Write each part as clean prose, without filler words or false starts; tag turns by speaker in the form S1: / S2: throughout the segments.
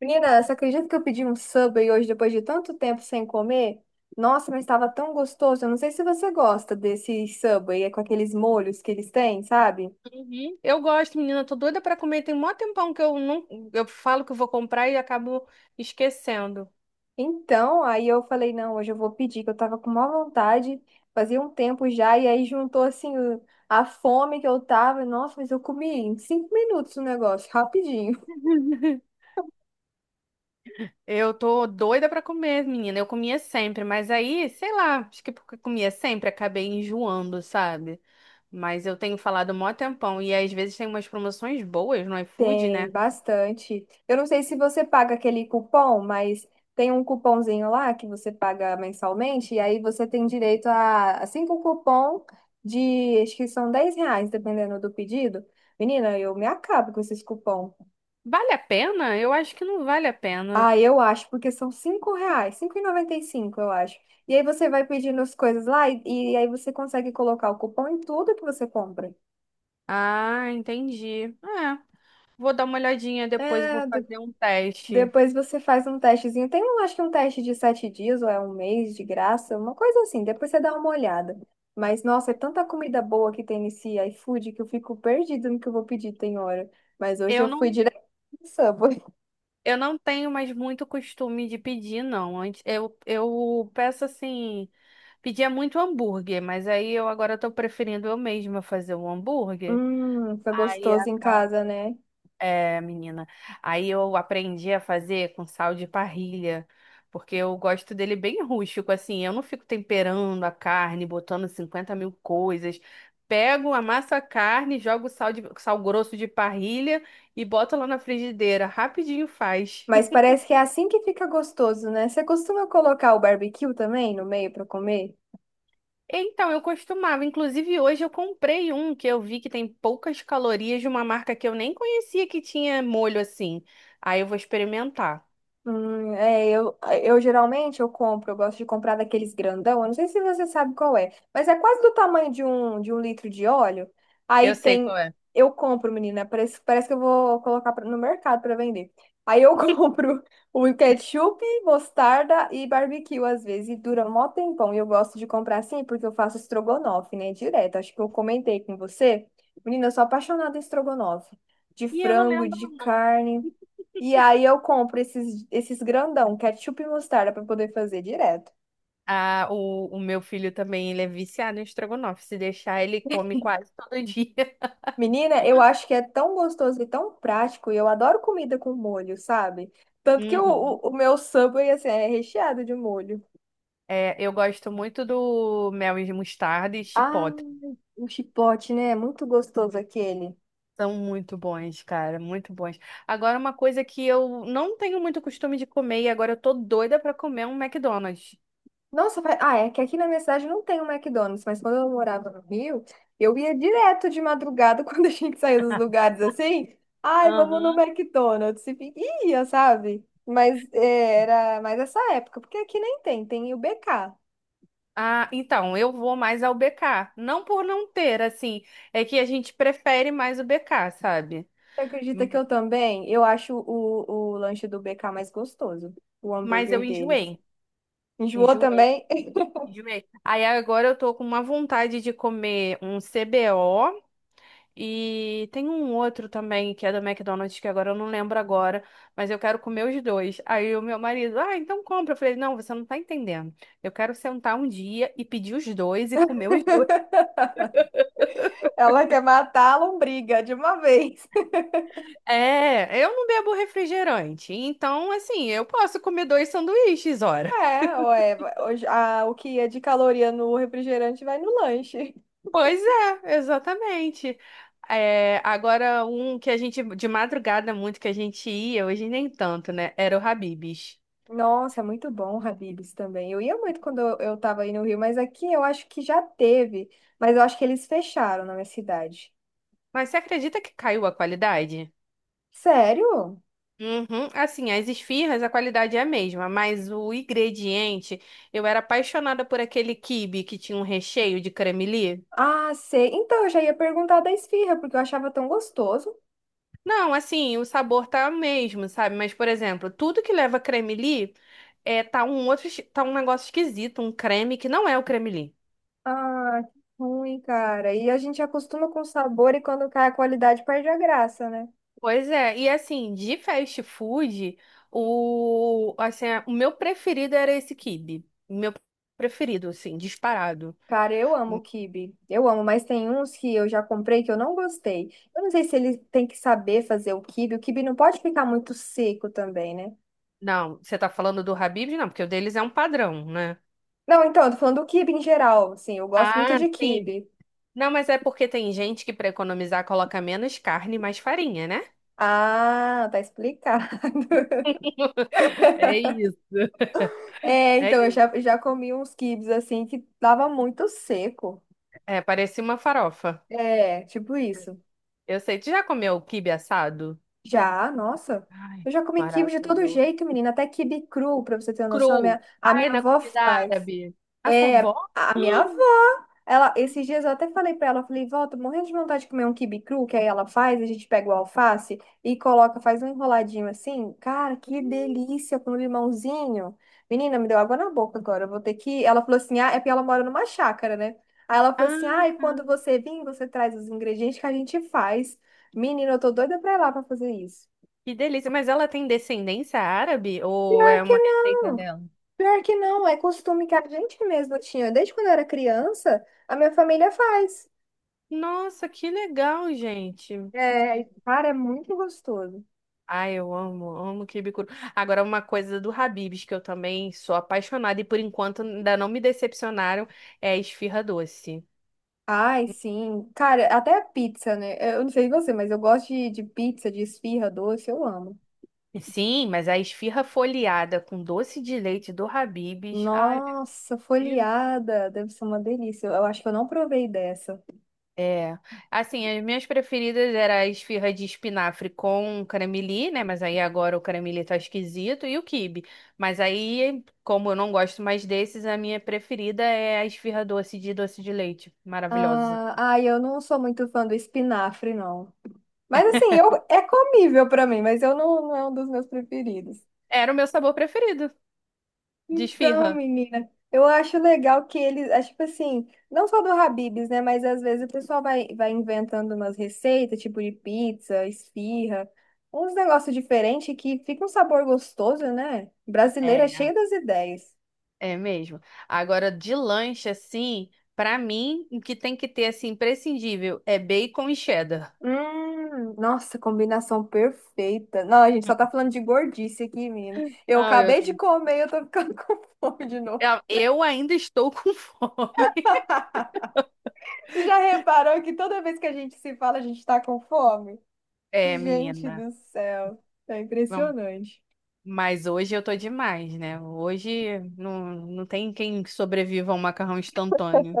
S1: Menina, você acredita que eu pedi um Subway hoje depois de tanto tempo sem comer? Nossa, mas estava tão gostoso. Eu não sei se você gosta desse Subway, é com aqueles molhos que eles têm, sabe?
S2: Uhum. Eu gosto, menina, tô doida pra comer. Tem mó tempão que eu não, eu falo que eu vou comprar e acabo esquecendo.
S1: Então, aí eu falei, não, hoje eu vou pedir, que eu tava com má vontade, fazia um tempo já, e aí juntou assim a fome que eu tava. Nossa, mas eu comi em cinco minutos o negócio, rapidinho.
S2: Eu tô doida pra comer, menina. Eu comia sempre, mas aí, sei lá, acho que porque comia sempre, acabei enjoando, sabe? Mas eu tenho falado mó tempão e às vezes tem umas promoções boas no iFood, né?
S1: Tem bastante. Eu não sei se você paga aquele cupom, mas tem um cupomzinho lá que você paga mensalmente, e aí você tem direito a cinco cupom de, acho que são R$ 10, dependendo do pedido. Menina, eu me acabo com esses cupom.
S2: Vale a pena? Eu acho que não vale a pena.
S1: Ah, eu acho, porque são 5 reais, 5 e 95 eu acho. E aí você vai pedindo as coisas lá e aí você consegue colocar o cupom em tudo que você compra.
S2: Ah, entendi. É, vou dar uma olhadinha depois, eu vou
S1: É,
S2: fazer um teste.
S1: depois você faz um testezinho. Tem um, acho que um teste de 7 dias ou é um mês de graça, uma coisa assim. Depois você dá uma olhada. Mas, nossa, é tanta comida boa que tem nesse iFood que eu fico perdida no que eu vou pedir, tem hora. Mas hoje
S2: Eu
S1: eu fui
S2: não
S1: direto no Subway.
S2: Eu não tenho mais muito costume de pedir, não. Antes eu peço assim, pedia muito hambúrguer, mas aí eu agora tô preferindo eu mesma fazer o hambúrguer.
S1: Foi
S2: Aí a
S1: gostoso em casa, né?
S2: é, menina. Aí eu aprendi a fazer com sal de parrilha, porque eu gosto dele bem rústico, assim. Eu não fico temperando a carne, botando 50 mil coisas. Pego, amasso a carne, jogo sal grosso de parrilha e boto lá na frigideira. Rapidinho faz.
S1: Mas parece que é assim que fica gostoso, né? Você costuma colocar o barbecue também no meio para comer?
S2: Então, eu costumava. Inclusive, hoje eu comprei um que eu vi que tem poucas calorias de uma marca que eu nem conhecia que tinha molho assim. Aí eu vou experimentar.
S1: É, eu geralmente eu compro, eu gosto de comprar daqueles grandão, eu não sei se você sabe qual é, mas é quase do tamanho de um litro de óleo. Aí
S2: Eu sei
S1: tem,
S2: qual é.
S1: eu compro, menina, parece, parece que eu vou colocar no mercado para vender. Aí eu compro o ketchup, mostarda e barbecue às vezes, e dura mó tempão. E eu gosto de comprar assim porque eu faço estrogonofe, né, direto. Acho que eu comentei com você. Menina, eu sou apaixonada em estrogonofe, de
S2: E eu não
S1: frango,
S2: lembro.
S1: de carne. E aí eu compro esses grandão, ketchup e mostarda para poder fazer direto.
S2: Ah, o meu filho também, ele é viciado em estrogonofe. Se deixar, ele come quase todo dia.
S1: Menina, eu acho que é tão gostoso e tão prático, e eu adoro comida com molho, sabe? Tanto que o,
S2: Uhum.
S1: o, o meu Subway, assim, é recheado de molho.
S2: É, eu gosto muito do mel e mostarda e
S1: Ah,
S2: chipotle.
S1: um chipote, né? É muito gostoso aquele.
S2: São muito bons, cara, muito bons. Agora, uma coisa que eu não tenho muito costume de comer e agora eu tô doida pra comer é um McDonald's.
S1: Nossa, ah, é que aqui na minha cidade não tem um McDonald's, mas quando eu morava no Rio, eu ia direto de madrugada quando a gente saía dos lugares assim. Ai, vamos no
S2: Aham.
S1: McDonald's. Ia, sabe? Mas é, era mais essa época, porque aqui nem tem, tem o BK.
S2: Ah, então, eu vou mais ao BK. Não por não ter, assim, é que a gente prefere mais o BK, sabe?
S1: Você acredita que
S2: Hum.
S1: eu também? Eu acho o lanche do BK mais gostoso, o
S2: Mas
S1: hambúrguer
S2: eu
S1: deles.
S2: enjoei.
S1: Enjoou
S2: Enjoei,
S1: também?
S2: enjoei. Aí agora eu tô com uma vontade de comer um CBO e tem um outro também que é do McDonald's, que agora eu não lembro, mas eu quero comer os dois. Aí o meu marido, ah, então compra. Eu falei, não, você não tá entendendo. Eu quero sentar um dia e pedir os dois e comer os dois.
S1: Ela quer matar a lombriga de uma vez.
S2: É, eu não bebo refrigerante, então assim, eu posso comer dois sanduíches, ora.
S1: É, ué, o que é de caloria no refrigerante vai no lanche.
S2: Pois é, exatamente. É, agora um que a gente de madrugada muito que a gente ia, hoje nem tanto, né? Era o Habib's.
S1: Nossa, é muito bom, o Habib's também. Eu ia muito quando eu tava aí no Rio, mas aqui eu acho que já teve, mas eu acho que eles fecharam na minha cidade.
S2: Mas você acredita que caiu a qualidade?
S1: Sério?
S2: Uhum. Assim, as esfirras, a qualidade é a mesma, mas o ingrediente, eu era apaixonada por aquele quibe que tinha um recheio de cremelie.
S1: Ah, sei. Então eu já ia perguntar da esfirra, porque eu achava tão gostoso.
S2: Não, assim, o sabor tá o mesmo, sabe? Mas, por exemplo, tudo que leva creme-li tá um outro, tá um negócio esquisito, um creme que não é o creme-li.
S1: Ah, que ruim, cara. E a gente acostuma com o sabor e quando cai a qualidade perde a graça, né?
S2: Pois é, e assim, de fast food, o meu preferido era esse quibe. O meu preferido, assim, disparado.
S1: Cara, eu amo quibe. Eu amo, mas tem uns que eu já comprei que eu não gostei. Eu não sei se ele tem que saber fazer o quibe. O quibe não pode ficar muito seco também, né?
S2: Não, você tá falando do Habib's? Não, porque o deles é um padrão, né?
S1: Não, então, eu tô falando do quibe em geral. Sim, eu gosto muito
S2: Ah,
S1: de
S2: sim.
S1: quibe.
S2: Não, mas é porque tem gente que pra economizar coloca menos carne e mais farinha, né?
S1: Ah, tá explicado.
S2: É isso.
S1: É,
S2: É
S1: então, já comi uns quibes assim que tava muito seco.
S2: É, parecia uma farofa.
S1: É, tipo isso.
S2: Eu sei. Tu já comeu quibe assado?
S1: Já, nossa.
S2: Ai,
S1: Eu já comi quibe de todo
S2: Maravilhoso.
S1: jeito, menina. Até quibe cru, pra você ter uma noção,
S2: Cru.
S1: a
S2: Ai,
S1: minha
S2: na
S1: avó
S2: comida
S1: faz.
S2: árabe. A sua
S1: É,
S2: avó?
S1: a minha avó. Ela, esses dias eu até falei pra ela, falei, volta, morrendo de vontade de comer um quibe cru, que aí ela faz, a gente pega o alface e coloca, faz um enroladinho assim. Cara, que delícia com limãozinho. Menina, me deu água na boca agora. Eu vou ter que. Ela falou assim: ah, é porque ela mora numa chácara, né? Aí ela falou assim:
S2: Ah,
S1: ah, e quando você vir, você traz os ingredientes que a gente faz. Menina, eu tô doida pra ir lá pra fazer isso.
S2: que delícia. Mas ela tem descendência árabe ou
S1: Pior
S2: é
S1: que
S2: uma receita
S1: não,
S2: dela?
S1: pior que não, é costume que a gente mesma tinha. Desde quando eu era criança, a minha família faz.
S2: Nossa, que legal, gente.
S1: É, cara, é muito gostoso.
S2: Ai, eu amo, amo quibe cru. Agora, uma coisa do Habib's que eu também sou apaixonada e por enquanto ainda não me decepcionaram é a esfirra doce.
S1: Ai, sim. Cara, até a pizza, né? É, eu não sei você, mas eu gosto de pizza, de esfirra, doce, eu amo.
S2: Sim, mas a esfirra folheada com doce de leite do Habib's. Ai,
S1: Nossa,
S2: meu Deus.
S1: folheada, deve ser uma delícia. Eu, acho que eu não provei dessa.
S2: É. Assim, as minhas preferidas era a esfirra de espinafre com caramelie, né? Mas aí agora o caramelie tá esquisito e o quibe. Mas aí, como eu não gosto mais desses, a minha preferida é a esfirra doce de leite. Maravilhosa.
S1: Ah, ai, eu não sou muito fã do espinafre, não. Mas assim, eu, é comível pra mim, mas eu não, não é um dos meus preferidos.
S2: Era o meu sabor preferido de
S1: Então,
S2: esfirra.
S1: menina, eu acho legal que eles, acho tipo assim, não só do Habib's, né? Mas às vezes o pessoal vai inventando umas receitas, tipo de pizza, esfirra, uns negócios diferentes que fica um sabor gostoso, né? Brasileira é
S2: É,
S1: cheia das ideias.
S2: é mesmo. Agora, de lanche, assim, pra mim, o que tem que ter, assim, imprescindível é bacon e cheddar.
S1: Nossa, combinação perfeita. Não, a gente só tá falando de gordice aqui, menina. Eu
S2: Não, eu
S1: acabei
S2: tô...
S1: de comer e eu tô ficando com fome de novo.
S2: Eu ainda estou com fome.
S1: Já reparou que toda vez que a gente se fala, a gente tá com fome?
S2: É,
S1: Gente
S2: menina.
S1: do céu, é
S2: Vamos.
S1: impressionante.
S2: Mas hoje eu tô demais, né? Hoje não, não tem quem sobreviva a um macarrão instantâneo.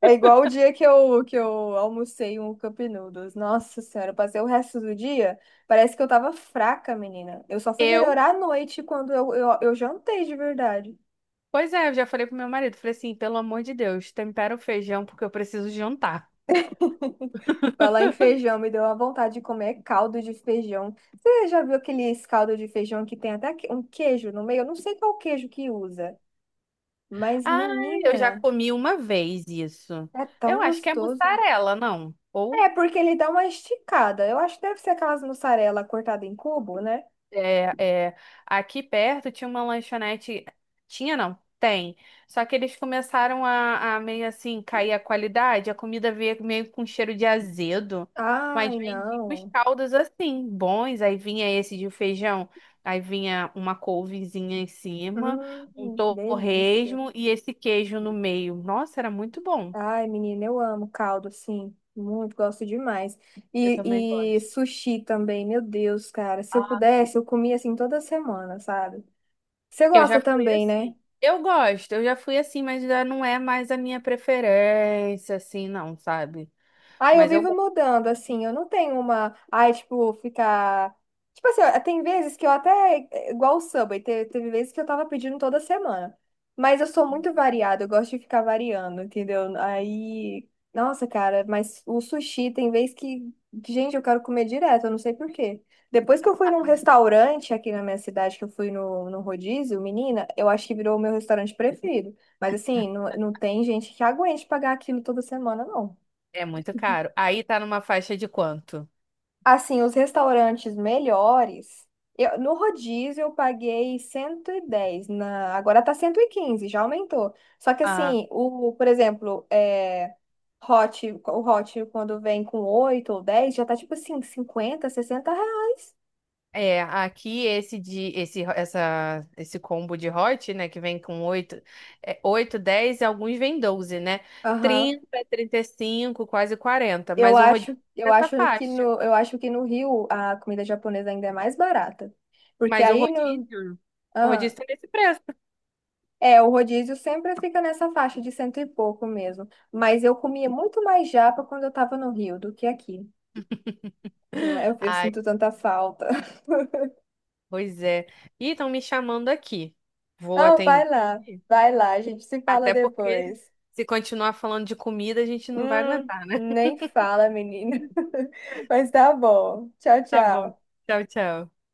S1: É igual o dia que eu almocei um Cup Noodles. Nossa Senhora, eu passei o resto do dia, parece que eu tava fraca, menina. Eu só fui
S2: Eu?
S1: melhorar à noite quando eu jantei de verdade.
S2: Pois é, eu já falei pro meu marido. Falei assim, pelo amor de Deus, tempera o feijão porque eu preciso jantar.
S1: Falar em feijão, me deu uma vontade de comer caldo de feijão. Você já viu aqueles caldo de feijão que tem um queijo no meio? Eu não sei qual queijo que usa, mas
S2: Ah, eu já
S1: menina,
S2: comi uma vez isso.
S1: é tão
S2: Eu acho que é
S1: gostoso.
S2: mussarela, não? Ou
S1: É, porque ele dá uma esticada. Eu acho que deve ser aquelas mussarela cortada em cubo, né?
S2: É, é, aqui perto tinha uma lanchonete. Tinha, não? Tem. Só que eles começaram a meio assim cair a qualidade, a comida veio meio com cheiro de azedo. Mas
S1: Ai,
S2: vendia uns
S1: não.
S2: caldos assim, bons. Aí vinha esse de feijão, aí vinha uma couvezinha em cima, um
S1: Delícia.
S2: torresmo e esse queijo no meio. Nossa, era muito bom.
S1: Ai, menina, eu amo caldo, sim. Muito, gosto demais.
S2: Eu também
S1: E
S2: gosto.
S1: sushi também, meu Deus, cara. Se eu pudesse, eu comia assim toda semana, sabe? Você
S2: Eu já
S1: gosta
S2: fui
S1: também, né?
S2: assim. Eu gosto, eu já fui assim, mas já não é mais a minha preferência, assim, não, sabe?
S1: Ah, eu
S2: Mas eu
S1: vivo
S2: gosto.
S1: mudando, assim, eu não tenho uma. Ai, tipo, ficar. Tipo assim, ó, tem vezes que eu até. É igual o Subway, teve vezes que eu tava pedindo toda semana. Mas eu sou muito variada, eu gosto de ficar variando, entendeu? Aí. Nossa, cara, mas o sushi tem vez que. Gente, eu quero comer direto, eu não sei por quê. Depois que eu fui num restaurante aqui na minha cidade, que eu fui no rodízio, menina, eu acho que virou o meu restaurante preferido. Mas assim, não tem gente que aguente pagar aquilo toda semana, não.
S2: É muito caro. Aí tá numa faixa de quanto?
S1: Assim, os restaurantes melhores. Eu, no rodízio eu paguei 110 na, agora tá 115 já aumentou. Só que
S2: Ah,
S1: assim, o, por exemplo, é, hot, o hot quando vem com 8 ou 10 já tá tipo assim, R$ 50, 60.
S2: é, aqui esse combo de hot, né, que vem com 8, 8, 10 e alguns vem 12, né?
S1: Aham.
S2: Trinta, trinta e cinco, quase 40. Mas o rodízio é
S1: Eu
S2: nessa
S1: acho que
S2: faixa.
S1: no, eu acho que no Rio a comida japonesa ainda é mais barata. Porque
S2: Mas
S1: aí no,
S2: o rodízio
S1: aham,
S2: tá nesse preço.
S1: é, o rodízio sempre fica nessa faixa de 100 e pouco mesmo. Mas eu comia muito mais japa quando eu tava no Rio do que aqui. Eu
S2: Ah,
S1: sinto tanta falta.
S2: pois é. Ih, estão me chamando aqui. Vou
S1: Ah,
S2: atender aqui.
S1: vai lá, a gente se fala
S2: Até porque
S1: depois.
S2: se continuar falando de comida, a gente não vai aguentar.
S1: Nem fala, menina. Mas tá bom. Tchau,
S2: Tá bom.
S1: tchau.
S2: Tchau, tchau.